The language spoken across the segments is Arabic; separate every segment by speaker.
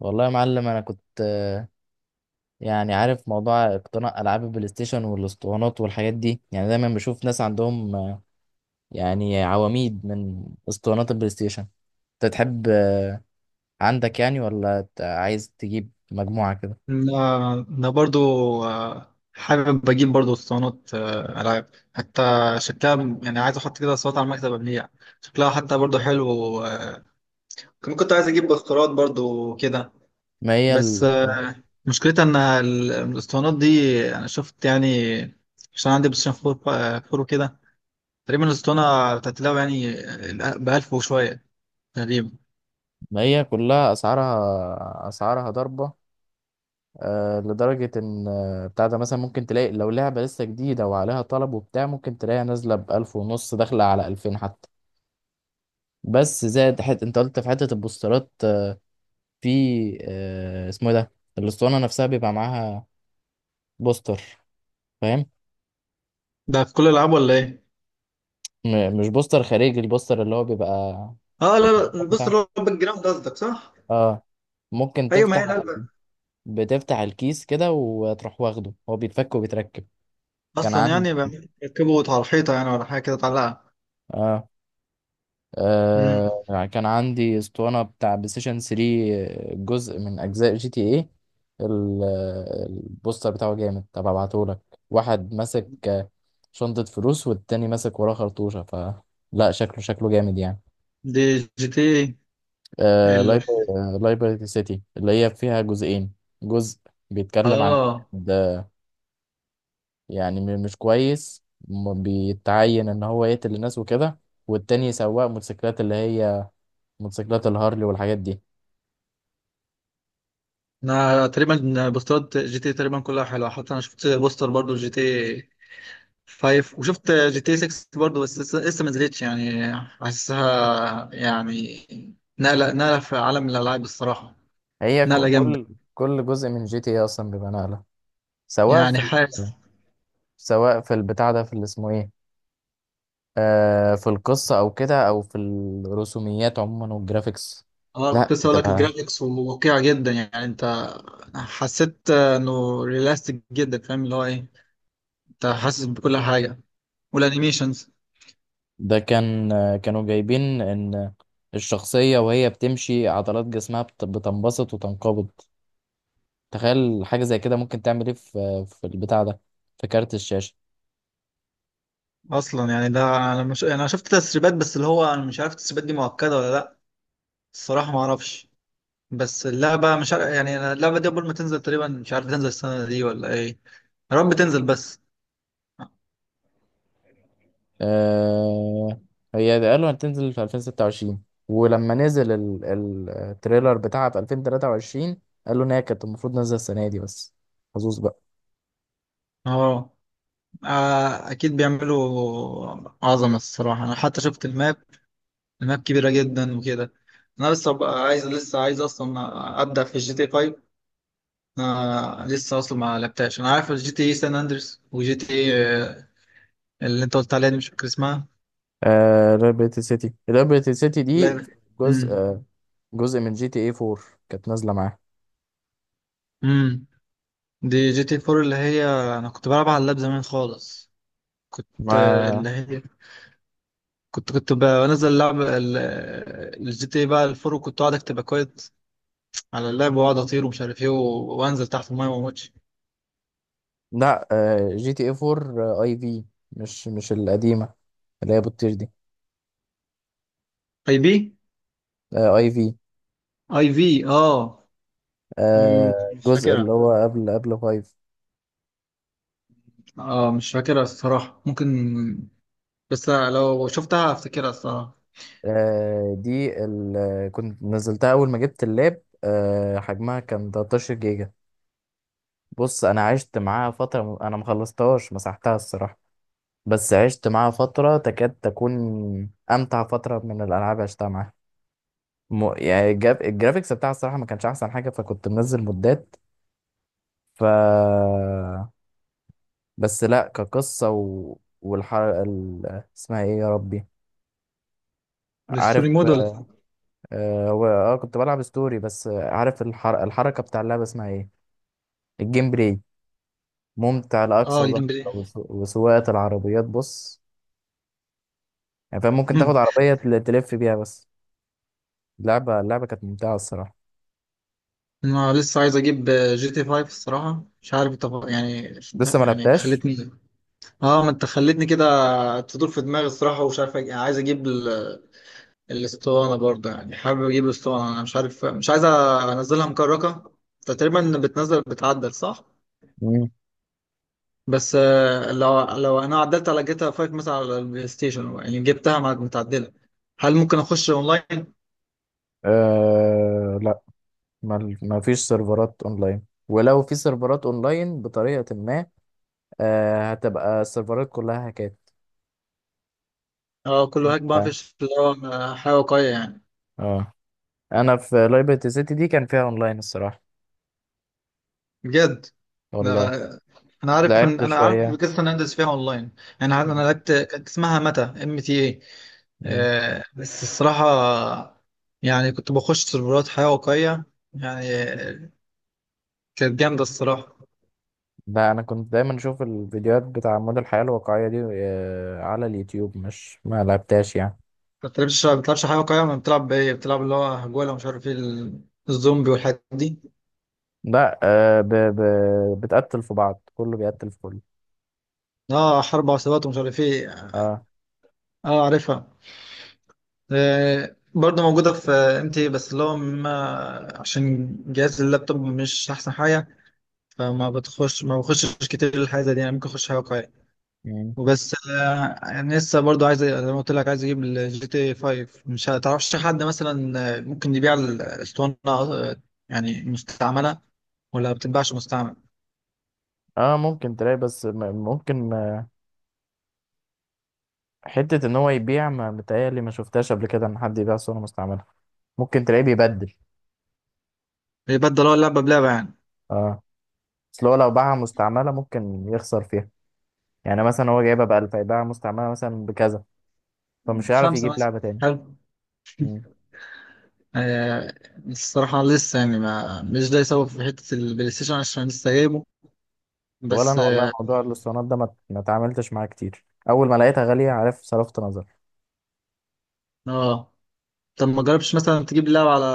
Speaker 1: والله يا معلم، انا كنت يعني عارف موضوع اقتناء العاب البلاي ستيشن والاسطوانات والحاجات دي. يعني دايما بشوف ناس عندهم يعني عواميد من اسطوانات البلاي ستيشن. انت تحب عندك يعني، ولا عايز تجيب مجموعة كده؟
Speaker 2: لا، أنا برضو حابب أجيب برضو اسطوانات ألعاب حتى شكلها. يعني عايز أحط كده اسطوانات على المكتب أبنية، شكلها حتى برضو حلو. كمان كنت عايز أجيب بخارات برضو كده،
Speaker 1: ما هي
Speaker 2: بس مشكلتها إن الاسطوانات دي، أنا شفت يعني، عشان عندي بلايستيشن فور. فور وكده، تقريبا الاسطوانة بتاعت اللعبة يعني بألف وشوية تقريبا.
Speaker 1: ما هي كلها اسعارها اسعارها ضربة، لدرجة ان بتاع ده مثلا ممكن تلاقي لو لعبة لسه جديدة وعليها طلب وبتاع، ممكن تلاقيها نازلة بألف ونص، داخلة على ألفين حتى. بس زائد انت قلت في حتة البوسترات، في اسمه إيه ده، الاسطوانه نفسها بيبقى معاها بوستر، فاهم؟
Speaker 2: ده في كل الألعاب ولا إيه؟
Speaker 1: مش بوستر خارجي، البوستر اللي هو بيبقى
Speaker 2: اه لا لا، بص
Speaker 1: بتاع،
Speaker 2: اللي هو الباك جراوند قصدك، صح؟
Speaker 1: اه ممكن
Speaker 2: ايوه، ما
Speaker 1: تفتح،
Speaker 2: هي لا،
Speaker 1: بتفتح الكيس كده وتروح واخده، هو بيتفك وبيتركب. كان
Speaker 2: اصلا
Speaker 1: عندي،
Speaker 2: يعني بيركبوا على الحيطه يعني، ولا حاجه كده تعلقها؟
Speaker 1: اه
Speaker 2: امم،
Speaker 1: يعني كان عندي اسطوانة بتاع بلاي ستيشن 3، جزء من أجزاء جي تي ايه. ال- البوستر بتاعه جامد، طب هبعتهولك. واحد ماسك شنطة فلوس، والتاني ماسك وراه خرطوشة، ف لا، شكله شكله جامد يعني.
Speaker 2: دي جي تي إيه.
Speaker 1: آه
Speaker 2: ال،
Speaker 1: لايبرتي سيتي، اللي هي فيها جزئين. جزء بيتكلم عن
Speaker 2: اه،
Speaker 1: واحد يعني مش كويس، بيتعين ان هو يقتل الناس وكده، والتاني سواق موتوسيكلات، اللي هي موتوسيكلات الهارلي والحاجات دي.
Speaker 2: انا تقريبا بوستات جي تي إيه تقريبا كلها حلوه. حتى انا شفت بوستر برضو جي تي 5، وشفت جي تي 6 برضو، بس لسه ما نزلتش. يعني حاسسها يعني نقله في عالم الالعاب الصراحه،
Speaker 1: هي
Speaker 2: نقله جامده.
Speaker 1: كل جزء من جي تي اي اصلا بيبقى نقله، سواء في
Speaker 2: يعني
Speaker 1: ال-
Speaker 2: حاسس،
Speaker 1: سواء في البتاع ده، في اللي اسمه ايه، في القصه او كده، او في الرسوميات عموما والجرافيكس.
Speaker 2: اه،
Speaker 1: لا
Speaker 2: كنت لسه اقول لك
Speaker 1: بتبقى،
Speaker 2: الجرافيكس واقعي جدا. يعني انت حسيت انه ريلاستيك جدا، فاهم اللي هو ايه؟ انت حاسس بكل حاجه، والانيميشنز.
Speaker 1: ده كان كانوا جايبين ان الشخصيه وهي بتمشي، عضلات جسمها بتنبسط وتنقبض. تخيل حاجه زي كده ممكن تعمل ايه في البتاع ده، في كارت الشاشه.
Speaker 2: اصلا يعني ده انا مش انا شفت تسريبات، بس اللي هو انا مش عارف التسريبات دي مؤكده ولا لا. الصراحه ما اعرفش. بس اللعبه مش عارف، يعني أنا اللعبه دي قبل ما تنزل تقريبا مش عارف تنزل السنه دي ولا ايه. يا رب تنزل بس.
Speaker 1: آه هي قالوا هتنزل في 2026، ولما نزل التريلر بتاعها في 2023، قالوا ان هي كانت المفروض نازله السنه دي، بس حظوظ بقى.
Speaker 2: اه، اكيد بيعملوا عظمه الصراحه. انا حتى شفت الماب، الماب كبيره جدا وكده. انا لسه بقى عايز، لسه عايز اصلا ابدا في الجي تي 5. آه، لسه اصلا ما لعبتهاش. انا عارف الجي تي سان اندريس، وجي تي اللي انت قلت عليها دي مش فاكر اسمها.
Speaker 1: ليبرتي سيتي، ليبرتي سيتي دي
Speaker 2: لا،
Speaker 1: جزء،
Speaker 2: امم.
Speaker 1: جزء من جي تي اي 4، كانت نازله معاها.
Speaker 2: امم، دي جي تي 4 اللي هي، انا كنت بلعب على اللاب زمان خالص. كنت
Speaker 1: ما
Speaker 2: اللي هي، كنت بنزل اللعب، الجي تي بقى الفور، وكنت اقعد اكتب اكواد على اللاب، واقعد اطير ومش عارف ايه، وانزل تحت المايه وما اموتش.
Speaker 1: لا، جي تي اي 4 اي في، مش القديمه اللي هي بتطير دي.
Speaker 2: اي بي،
Speaker 1: اي في،
Speaker 2: اي في، اه.
Speaker 1: آه،
Speaker 2: مم، مش
Speaker 1: جزء اللي
Speaker 2: فاكرها.
Speaker 1: هو قبل 5.
Speaker 2: اه مش فاكرها الصراحة، ممكن. بس لو شفتها افتكرها الصراحة.
Speaker 1: آه، دي ال... كنت نزلتها اول ما جبت اللاب، حجمها كان 13 جيجا. بص، انا عشت معاها فتره، انا ما خلصتهاش، مسحتها الصراحه. بس عشت معاها فتره تكاد تكون امتع فتره من الالعاب عشتها معاها. الجرافيكس بتاعها الصراحه ما كانش احسن حاجه، فكنت منزل مدات. ف بس لا، كقصه والحر ال... اسمها ايه يا ربي، عارف،
Speaker 2: الستوري موديل.
Speaker 1: كنت بلعب ستوري بس. عارف الحركه بتاع اللعبه اسمها ايه، الجيم بلاي، ممتع لأقصى
Speaker 2: اه،
Speaker 1: درجة.
Speaker 2: الجيم بلاي.
Speaker 1: وسواقة العربيات، بص، يعني فاهم، ممكن تاخد عربية تلف بيها بس. اللعبة اللعبة كانت ممتعة الصراحة.
Speaker 2: انا لسه عايز اجيب جي تي 5 الصراحه، مش عارف انت يعني.
Speaker 1: لسه ما
Speaker 2: يعني
Speaker 1: لعبتهاش.
Speaker 2: خلتني، اه ما انت خلتني كده تدور في دماغي الصراحه. ومش عارف يعني عايز اجيب الاسطوانه برضه. يعني حابب اجيب الاسطوانه، انا مش عارف، مش عايز انزلها مكركه. أنت تقريبا بتنزل بتعدل، صح؟
Speaker 1: مم.
Speaker 2: بس لو، لو عدلت على جيتا 5 مثلا على البلاي ستيشن، يعني جبتها متعدله، هل ممكن اخش اونلاين؟
Speaker 1: لا، ما فيش سيرفرات اونلاين، ولو في سيرفرات اونلاين بطريقة ما، هتبقى السيرفرات كلها هاكات.
Speaker 2: اه كله هاك بقى،
Speaker 1: اه.
Speaker 2: مفيش اللي هو حاجه واقعيه يعني.
Speaker 1: آه. انا في لايبرتي سيتي دي كان فيها اونلاين الصراحة.
Speaker 2: بجد؟ ده
Speaker 1: والله،
Speaker 2: انا عارف ان،
Speaker 1: لعبت
Speaker 2: انا عارف
Speaker 1: شوية.
Speaker 2: قصه ان اندرس فيها اونلاين. يعني عارف، انا لعبت، كانت اسمها متى ام تي اي.
Speaker 1: مم.
Speaker 2: بس الصراحه، يعني كنت بخش سيرفرات حياه واقعيه يعني، كانت جامده الصراحه.
Speaker 1: ده انا كنت دايما اشوف الفيديوهات بتاع مود الحياة الواقعية دي على اليوتيوب، مش ما لعبتهاش يعني.
Speaker 2: ما بتلعبش حياه واقعيه، ما بتلعب بايه؟ بتلعب اللي هو هجوله ومش عارف ايه، الزومبي والحاجات دي.
Speaker 1: لا، بتقتل في بعض، كله بيقتل في كله.
Speaker 2: اه، حرب عصابات ومش عارف ايه.
Speaker 1: اه.
Speaker 2: اه عارفها. برضه موجوده في ام تي، بس اللي هو عشان جهاز اللابتوب مش احسن حاجه، فما بتخش، ما بخشش كتير الحاجه دي. يعني ممكن اخش حاجه واقعيه
Speaker 1: مم.
Speaker 2: وبس. يعني لسه برضو عايز، زي ما قلت لك، عايز اجيب الجي تي 5. مش هتعرفش حد مثلا ممكن يبيع الاسطوانه، يعني مستعمله، ولا بتتباعش مستعمل؟
Speaker 1: اه ممكن تلاقي، بس ممكن حتة ان هو يبيع، ما متهيألي ما شفتهاش قبل كده ان حد يبيع صورة مستعملة. ممكن تلاقيه بيبدل.
Speaker 2: بيبدل هو اللعبه بلعبه يعني؟
Speaker 1: اه، اصل هو لو باعها مستعملة ممكن يخسر فيها. يعني مثلا هو جايبها بألف، هيبيعها مستعملة مثلا بكذا، فمش هيعرف
Speaker 2: خمسه
Speaker 1: يجيب
Speaker 2: مثلا.
Speaker 1: لعبة تاني.
Speaker 2: حلو. آه. الصراحه لسه يعني ما مش ده يسوي في حته البلاي ستيشن، عشان لسه جايبه.
Speaker 1: ولا
Speaker 2: بس
Speaker 1: انا والله
Speaker 2: اه،
Speaker 1: موضوع الاسطوانات ده ما اتعاملتش معاه كتير، اول ما لقيتها غاليه، عارف، صرفت نظر.
Speaker 2: آه. طب ما جربتش مثلا تجيب اللعبه على،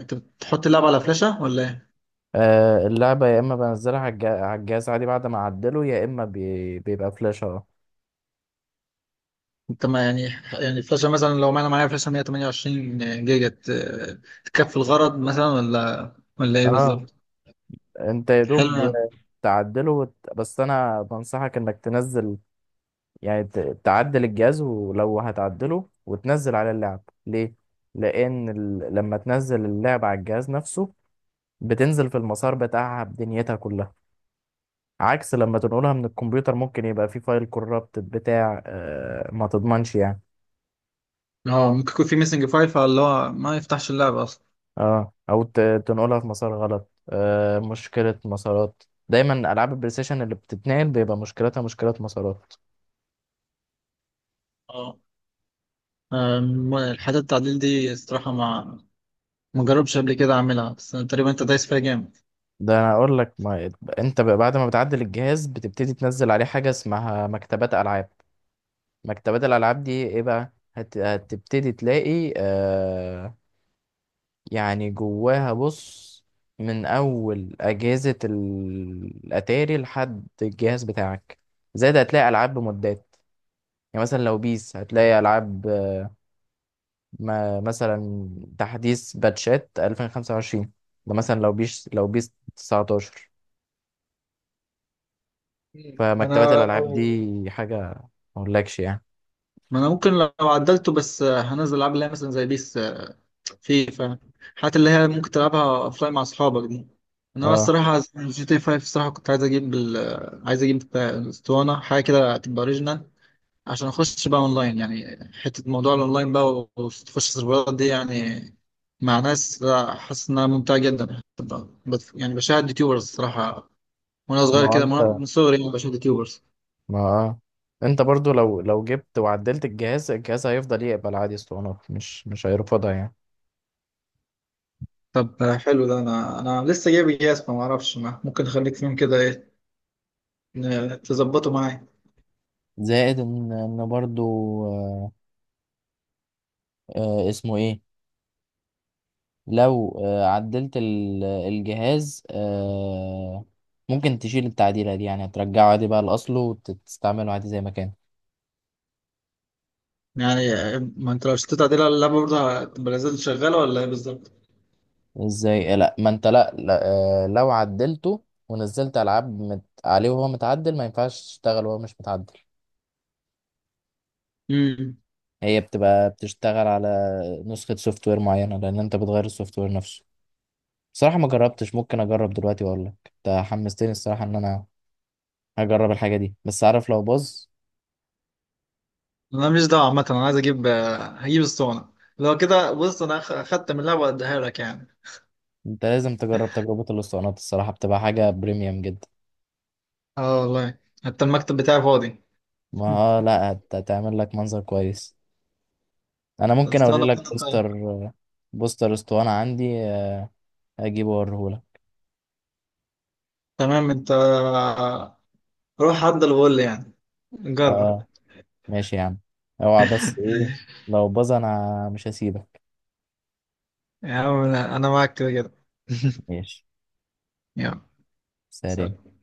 Speaker 2: انت بتحط اللعبه على فلاشه ولا إيه؟
Speaker 1: اللعبه يا اما بنزلها على على الجهاز عادي بعد ما اعدله، يا اما بيبقى فلاش، اه
Speaker 2: انت ما يعني، يعني الفلاشة مثلا، لو انا معايا فلاشة 128 جيجا، تكفي الغرض مثلا، ولا ايه
Speaker 1: اه
Speaker 2: بالظبط؟
Speaker 1: انت يا
Speaker 2: حلو
Speaker 1: دوب
Speaker 2: يعني.
Speaker 1: تعدله بس انا بنصحك انك تنزل، يعني تعدل الجهاز، ولو هتعدله وتنزل على اللعب ليه؟ لان لما تنزل اللعب على الجهاز نفسه، بتنزل في المسار بتاعها بدنيتها كلها، عكس لما تنقلها من الكمبيوتر، ممكن يبقى في فايل كورابت بتاع ما تضمنش يعني.
Speaker 2: اه ممكن يكون في ميسنج فايل، فاللي هو ما يفتحش اللعبة اصلا.
Speaker 1: اه، تنقلها في مسار غلط، مشكلة مسارات. دايما العاب البلاي ستيشن اللي بتتنقل بيبقى مشكلتها مشكلة مسارات.
Speaker 2: اه، أم، الحاجات التعديل دي الصراحة ما جربش قبل كده اعملها. بس تقريبا انت دايس فيها جامد.
Speaker 1: ده انا اقول لك، ما انت بقى بعد ما بتعدل الجهاز، بتبتدي تنزل عليه حاجة اسمها مكتبات العاب. مكتبات الالعاب دي ايه بقى، هتبتدي تلاقي يعني جواها، بص، من اول اجهزة الاتاري لحد الجهاز بتاعك، زائد هتلاقي العاب بمدات. يعني مثلا لو بيس، هتلاقي العاب ما مثلا تحديث باتشات 2025. ده مثلا لو بيس، لو بيس 19. فمكتبات
Speaker 2: انا
Speaker 1: الالعاب دي حاجة ما اقولكش يعني.
Speaker 2: ما انا ممكن لو عدلته، بس هنزل العاب اللي هي مثلا زي بيس، في فعلا الحاجات اللي هي ممكن تلعبها اوفلاين مع اصحابك دي. انا
Speaker 1: اه.
Speaker 2: الصراحه جي تي 5 الصراحه كنت عايز اجيب عايز اجيب بتاع اسطوانه، حاجه كده تبقى اوريجينال، عشان اخش بقى اونلاين. يعني حته موضوع الاونلاين بقى وتخش السيرفرات دي، يعني مع ناس، لا، حاسس انها ممتعه جدا. يعني بشاهد يوتيوبرز الصراحه، وانا
Speaker 1: ما
Speaker 2: صغير
Speaker 1: هو
Speaker 2: كده، من
Speaker 1: انت،
Speaker 2: صغري يعني بشاهد يوتيوبرز.
Speaker 1: ما اه، انت برضو لو جبت وعدلت الجهاز، الجهاز هيفضل يقبل عادي اسطوانات، مش هيرفضها يعني.
Speaker 2: طب حلو، ده انا، لسه جايب جهاز ما اعرفش، ما ممكن اخليك فيهم كده ايه، تظبطه معايا.
Speaker 1: زائد ان برضو، آه، اسمه ايه، لو عدلت الجهاز ممكن تشيل التعديلة دي، يعني هترجعه عادي بقى لأصله وتستعمله عادي زي ما كان.
Speaker 2: يعني ما انت لو شتيت عديل على اللعبه، برضه هتبقى لازال شغاله ولا ايه بالظبط؟
Speaker 1: ازاي؟ لا، ما انت، لا، لا، لو عدلته ونزلت ألعاب عليه وهو متعدل، ما ينفعش تشتغل وهو مش متعدل.
Speaker 2: امم.
Speaker 1: هي بتبقى بتشتغل على نسخة سوفت وير معينة، لأن انت بتغير السوفت وير نفسه. بصراحة ما جربتش، ممكن أجرب دلوقتي وأقول لك، انت حمستني الصراحة إن أنا هجرب الحاجة دي، بس عارف لو باظ.
Speaker 2: انا مش دعوه عامه، انا عايز اجيب، هجيب الصونه. لو كده بص انا اخدت من اللعبه واديها لك يعني.
Speaker 1: انت لازم تجرب، تجربة الاسطوانات الصراحة بتبقى حاجة بريميوم جدا.
Speaker 2: اه والله. حتى المكتب بتاعي فاضي.
Speaker 1: ما آه لا، هتعمل لك منظر كويس. انا ممكن اوري
Speaker 2: الصونه.
Speaker 1: لك بوستر، بوستر اسطوانة عندي، اجيبه اوريه لك.
Speaker 2: تمام، انت روح عدى الغل يعني، جرب.
Speaker 1: اه، ماشي يا عم. اوعى بس ايه، لو باظ انا مش هسيبك.
Speaker 2: يا عم انا، معاك كده كده.
Speaker 1: ماشي.
Speaker 2: يلا،
Speaker 1: سلام.
Speaker 2: سلام.